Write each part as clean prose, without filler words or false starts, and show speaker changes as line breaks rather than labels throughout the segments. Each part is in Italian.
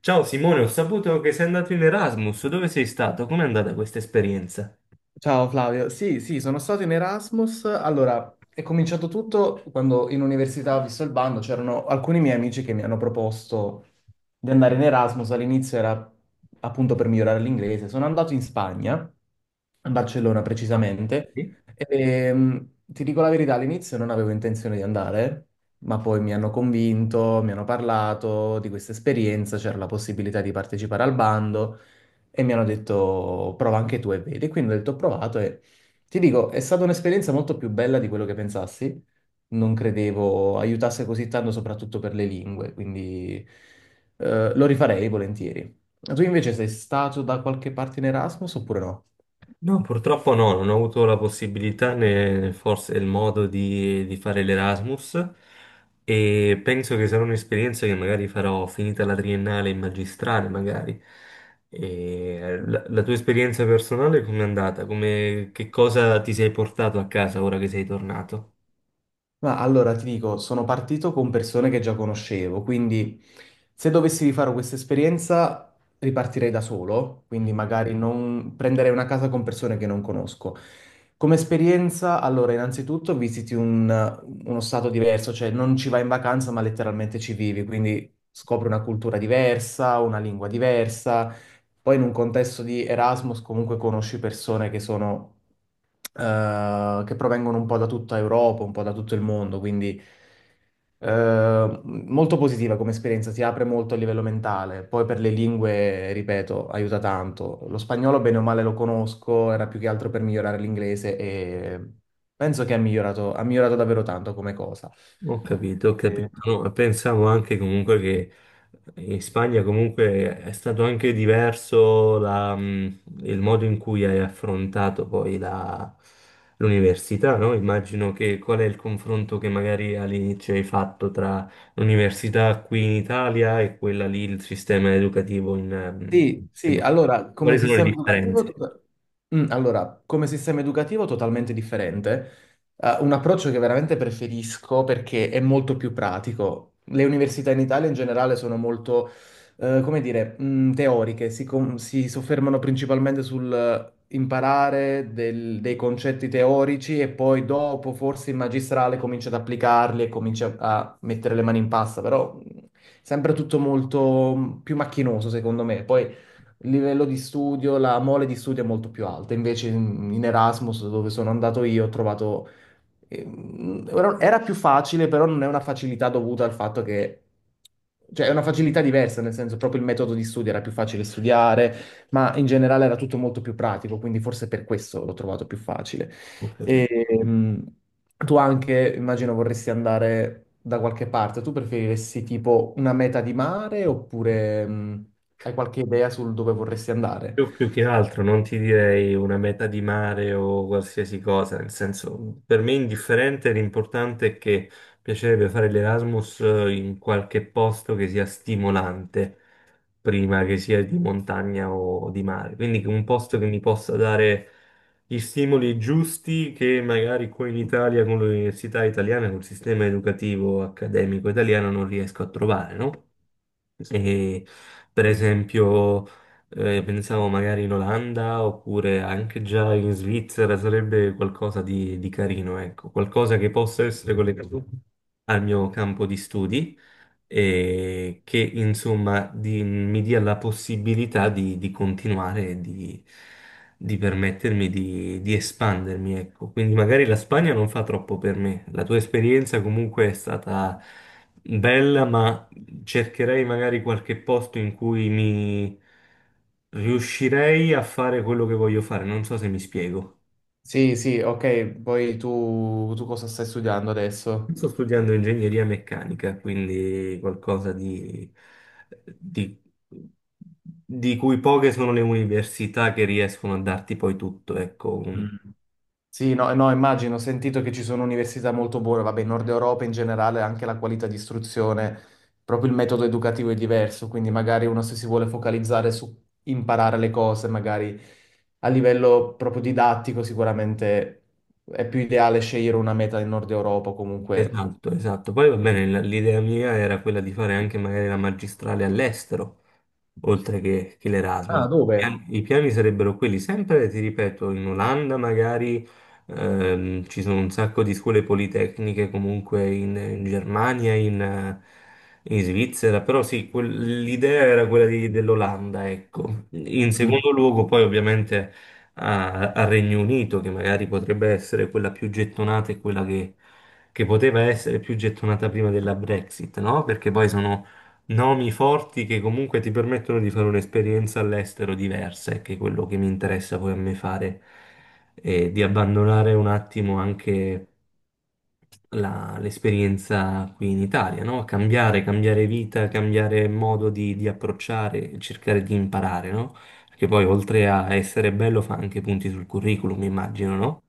Ciao Simone, ho saputo che sei andato in Erasmus. Dove sei stato? Com'è andata questa esperienza?
Ciao Flavio, sì, sì, sono stato in Erasmus. Allora, è cominciato tutto quando in università, ho visto il bando, c'erano alcuni miei amici che mi hanno proposto di andare in Erasmus. All'inizio era appunto per migliorare l'inglese. Sono andato in Spagna, a Barcellona
Ah,
precisamente,
sì?
e ti dico la verità, all'inizio non avevo intenzione di andare, ma poi mi hanno convinto, mi hanno parlato di questa esperienza, c'era la possibilità di partecipare al bando e mi hanno detto prova anche tu e vedi. Quindi ho detto ho provato e ti dico, è stata un'esperienza molto più bella di quello che pensassi. Non credevo aiutasse così tanto, soprattutto per le lingue, quindi lo rifarei volentieri. Tu invece sei stato da qualche parte in Erasmus oppure no?
No, purtroppo no, non ho avuto la possibilità né forse il modo di fare l'Erasmus e penso che sarà un'esperienza che magari farò finita la triennale in magistrale, magari. E la tua esperienza personale com'è andata? Come, che cosa ti sei portato a casa ora che sei tornato?
Ma allora ti dico, sono partito con persone che già conoscevo, quindi se dovessi rifare questa esperienza ripartirei da solo, quindi magari non prenderei una casa con persone che non conosco. Come esperienza, allora innanzitutto visiti uno stato diverso, cioè non ci vai in vacanza ma letteralmente ci vivi, quindi scopri una cultura diversa, una lingua diversa, poi in un contesto di Erasmus comunque conosci persone che sono che provengono un po' da tutta Europa, un po' da tutto il mondo, quindi molto positiva come esperienza, si apre molto a livello mentale. Poi per le lingue, ripeto, aiuta tanto. Lo spagnolo, bene o male, lo conosco, era più che altro per migliorare l'inglese e penso che ha migliorato davvero tanto come cosa.
Ho capito, ho capito. No, pensavo anche comunque che in Spagna comunque è stato anche diverso la, il modo in cui hai affrontato l'università, no? Immagino, che qual è il confronto che magari all'inizio hai fatto tra l'università qui in Italia e quella lì, il sistema educativo
Sì,
cioè,
sì,
boh,
allora, come
quali sono le
sistema educativo,
differenze?
allora, come sistema educativo totalmente differente. Un approccio che veramente preferisco perché è molto più pratico. Le università in Italia in generale sono molto, teoriche, si, si soffermano principalmente sul imparare dei concetti teorici e poi dopo forse in magistrale cominci ad applicarli e cominci a mettere le mani in pasta, però sempre tutto molto più macchinoso, secondo me. Poi il livello di studio, la mole di studio è molto più alta. Invece in Erasmus, dove sono andato io, ho trovato, era più facile, però non è una facilità dovuta al fatto che... Cioè, è una facilità diversa, nel senso, proprio il metodo di studio era più facile studiare, ma in generale era tutto molto più pratico, quindi forse per questo l'ho trovato più facile. E, mm, tu anche, immagino, vorresti andare da qualche parte. Tu preferiresti tipo una meta di mare oppure hai qualche idea sul dove vorresti andare?
Io più che altro non ti direi una meta di mare o qualsiasi cosa, nel senso, per me è indifferente, l'importante è che piacerebbe fare l'Erasmus in qualche posto che sia stimolante, prima che sia di montagna o di mare. Quindi che un posto che mi possa dare gli stimoli giusti che magari qui in Italia, con l'università italiana, col sistema educativo accademico italiano non riesco a trovare, no? E, per esempio, pensavo magari in Olanda oppure anche già in Svizzera sarebbe qualcosa di carino, ecco, qualcosa che possa essere collegato al mio campo di studi che insomma mi dia la possibilità di continuare, e di permettermi di espandermi, ecco. Quindi magari la Spagna non fa troppo per me. La tua esperienza comunque è stata bella, ma cercherei magari qualche posto in cui mi riuscirei a fare quello che voglio fare. Non so se mi spiego.
Sì, sì, ok. Poi tu cosa stai studiando adesso?
Sto studiando ingegneria meccanica, quindi qualcosa di, di- di cui poche sono le università che riescono a darti poi tutto, ecco, un-
Sì, no, no, immagino, ho sentito che ci sono università molto buone, vabbè, in Nord Europa in generale anche la qualità di istruzione, proprio il metodo educativo è diverso, quindi magari uno se si vuole focalizzare su imparare le cose, magari a livello proprio didattico sicuramente è più ideale scegliere una meta in Nord Europa o comunque.
Esatto, esatto. Poi va bene, l'idea mia era quella di fare anche magari la magistrale all'estero, oltre che
Ah,
l'Erasmus.
dove?
I piani sarebbero quelli, sempre, ti ripeto, in Olanda magari ci sono un sacco di scuole politecniche, comunque in Germania, in, in Svizzera, però sì, l'idea era quella dell'Olanda, ecco. In
Mm.
secondo luogo poi ovviamente al Regno Unito, che magari potrebbe essere quella più gettonata e quella che poteva essere più gettonata prima della Brexit, no? Perché poi sono nomi forti che comunque ti permettono di fare un'esperienza all'estero diversa, e che è quello che mi interessa poi a me fare, e di abbandonare un attimo anche l'esperienza qui in Italia, no? Cambiare, cambiare vita, cambiare modo di approcciare, cercare di imparare, no? Perché poi oltre a essere bello fa anche punti sul curriculum, immagino, no?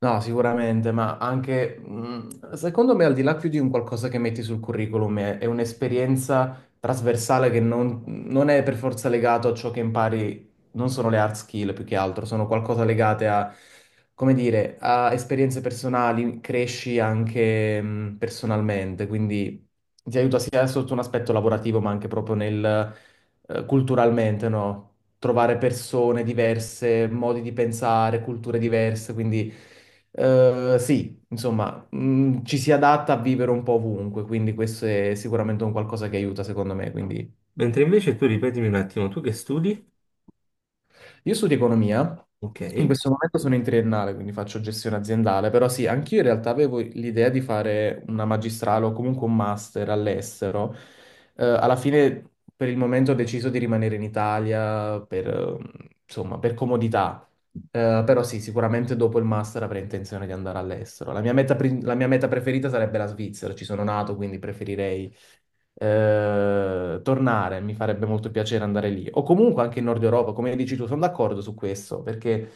No, sicuramente, ma anche secondo me, al di là più di un qualcosa che metti sul curriculum, è un'esperienza trasversale che non è per forza legato a ciò che impari, non sono le hard skill più che altro, sono qualcosa legate a, come dire, a esperienze personali, cresci anche personalmente, quindi ti aiuta sia sotto un aspetto lavorativo, ma anche proprio nel culturalmente, no? Trovare persone diverse, modi di pensare, culture diverse, quindi sì, insomma, ci si adatta a vivere un po' ovunque, quindi questo è sicuramente un qualcosa che aiuta secondo me, quindi
Mentre invece tu ripetimi un attimo, tu che studi?
Io studio economia,
Ok.
in questo momento sono in triennale, quindi faccio gestione aziendale, però sì, anch'io in realtà avevo l'idea di fare una magistrale o comunque un master all'estero. Alla fine, per il momento, ho deciso di rimanere in Italia per, insomma, per comodità. Però sì, sicuramente dopo il master avrei intenzione di andare all'estero. La mia meta, la mia meta preferita sarebbe la Svizzera, ci sono nato, quindi preferirei tornare, mi farebbe molto piacere andare lì. O comunque anche in Nord Europa, come dici tu, sono d'accordo su questo, perché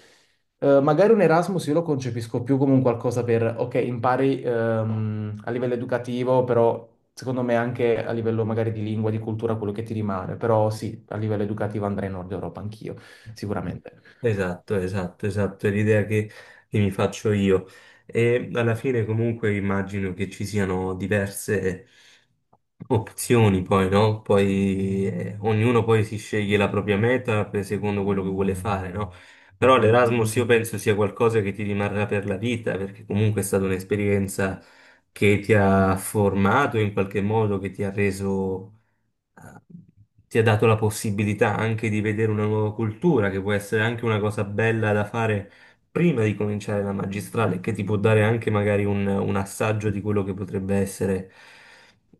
magari un Erasmus io lo concepisco più come un qualcosa per, ok, impari a livello educativo, però secondo me anche a livello magari di lingua, di cultura, quello che ti rimane. Però sì, a livello educativo andrei in Nord Europa anch'io, sicuramente.
Esatto, esatto, esatto, è l'idea che mi faccio io. E alla fine comunque immagino che ci siano diverse opzioni poi, no? Poi ognuno poi si sceglie la propria meta secondo quello che vuole fare, no? Però l'Erasmus io penso sia qualcosa che ti rimarrà per la vita, perché comunque è stata un'esperienza che ti ha formato in qualche modo, che ti ha reso ti ha dato la possibilità anche di vedere una nuova cultura, che può essere anche una cosa bella da fare prima di cominciare la magistrale, che ti può dare anche magari un assaggio di quello che potrebbe essere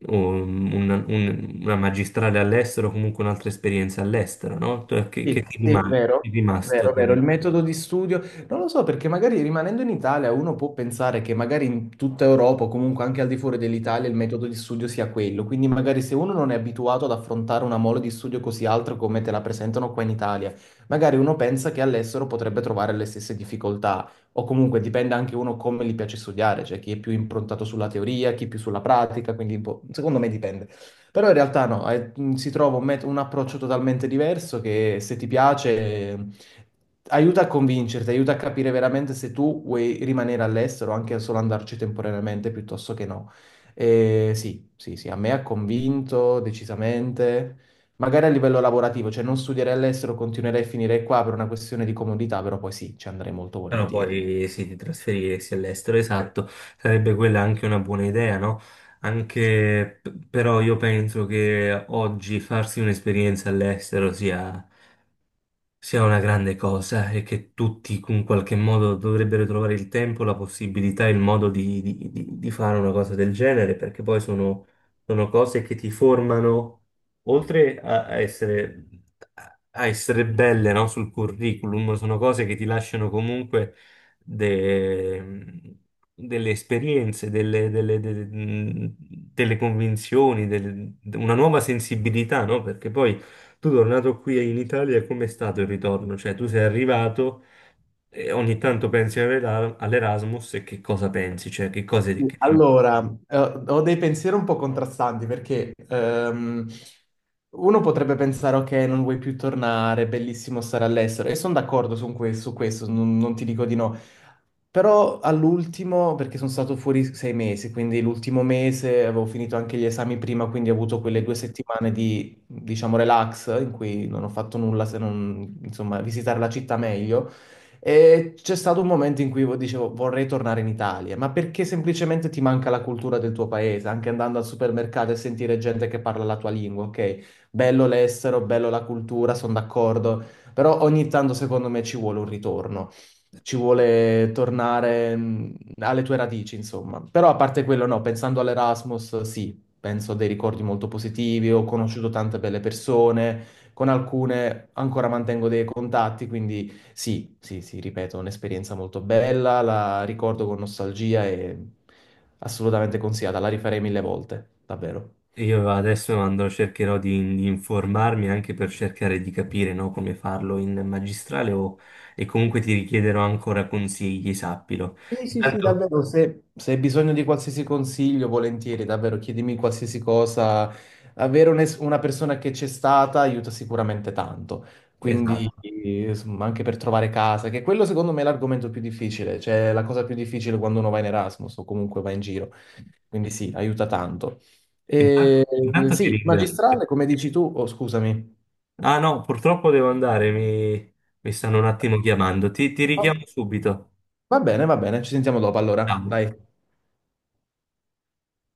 un- una magistrale all'estero, o comunque un'altra esperienza all'estero, no?
Sì,
Che ti
sì,
rimane? Ti è
vero,
rimasto?
vero, vero. Il metodo di studio, non lo so, perché magari rimanendo in Italia uno può pensare che magari in tutta Europa o comunque anche al di fuori dell'Italia il metodo di studio sia quello. Quindi magari se uno non è abituato ad affrontare una mole di studio così alta come te la presentano qua in Italia, magari uno pensa che all'estero potrebbe trovare le stesse difficoltà. O comunque dipende anche uno come gli piace studiare, cioè chi è più improntato sulla teoria, chi più sulla pratica, quindi secondo me dipende. Però in realtà no, si trova un approccio totalmente diverso che se ti piace eh, aiuta a convincerti, aiuta a capire veramente se tu vuoi rimanere all'estero, o anche solo andarci temporaneamente piuttosto che no. E sì, sì, sì, a me ha convinto decisamente, magari a livello lavorativo, cioè non studierei all'estero, continuerei a finire qua per una questione di comodità, però poi sì, ci andrei molto
Però
volentieri.
poi sì, di trasferirsi all'estero, esatto, sarebbe quella anche una buona idea, no? Anche però io penso che oggi farsi un'esperienza all'estero sia una grande cosa e che tutti in qualche modo dovrebbero trovare il tempo, la possibilità, il modo di, di fare una cosa del genere, perché sono cose che ti formano oltre a essere, a essere belle, no, sul curriculum, sono cose che ti lasciano comunque de- delle esperienze, delle convinzioni, una nuova sensibilità, no? Perché poi tu tornato qui in Italia, com'è stato il ritorno? Cioè, tu sei arrivato. E ogni tanto pensi all'Erasmus e che cosa pensi? Cioè, che cose che
Allora, ho dei pensieri un po' contrastanti perché uno potrebbe pensare, ok, non vuoi più tornare, è bellissimo stare all'estero, e sono d'accordo su su questo, non ti dico di no. Però all'ultimo, perché sono stato fuori 6 mesi, quindi l'ultimo mese avevo finito anche gli esami prima, quindi ho avuto
ti...
quelle 2 settimane di, diciamo, relax in cui non ho fatto nulla se non, insomma, visitare la città meglio. E c'è stato un momento in cui dicevo vorrei tornare in Italia, ma perché semplicemente ti manca la cultura del tuo paese, anche andando al supermercato e sentire gente che parla la tua lingua, ok? Bello l'estero, bello la cultura, sono d'accordo, però ogni tanto secondo me ci vuole un ritorno, ci vuole tornare alle tue radici, insomma. Però a parte quello, no, pensando all'Erasmus, sì, penso a dei ricordi molto positivi, ho conosciuto tante belle persone, con alcune ancora mantengo dei contatti, quindi... Sì, sì, sì, ripeto, un'esperienza molto bella, la ricordo con nostalgia e assolutamente consigliata, la rifarei mille volte, davvero.
Io adesso andrò, cercherò di informarmi anche per cercare di capire, no, come farlo in magistrale o, e comunque ti richiederò ancora consigli, sappilo.
Sì, sì, sì,
Intanto,
davvero, se hai bisogno di qualsiasi consiglio, volentieri, davvero, chiedimi qualsiasi cosa. Avere un una persona che c'è stata aiuta sicuramente tanto. Quindi,
esatto.
insomma, anche per trovare casa, che quello secondo me è l'argomento più difficile, cioè la cosa più difficile quando uno va in Erasmus o comunque va in giro. Quindi sì, aiuta tanto. E,
Intanto, intanto ti
sì,
ringrazio.
magistrale, come dici tu, oh, scusami.
Ah no, purtroppo devo andare, mi stanno un attimo chiamando. Ti
Oh,
richiamo subito.
va bene, ci sentiamo dopo allora,
Ciao.
dai.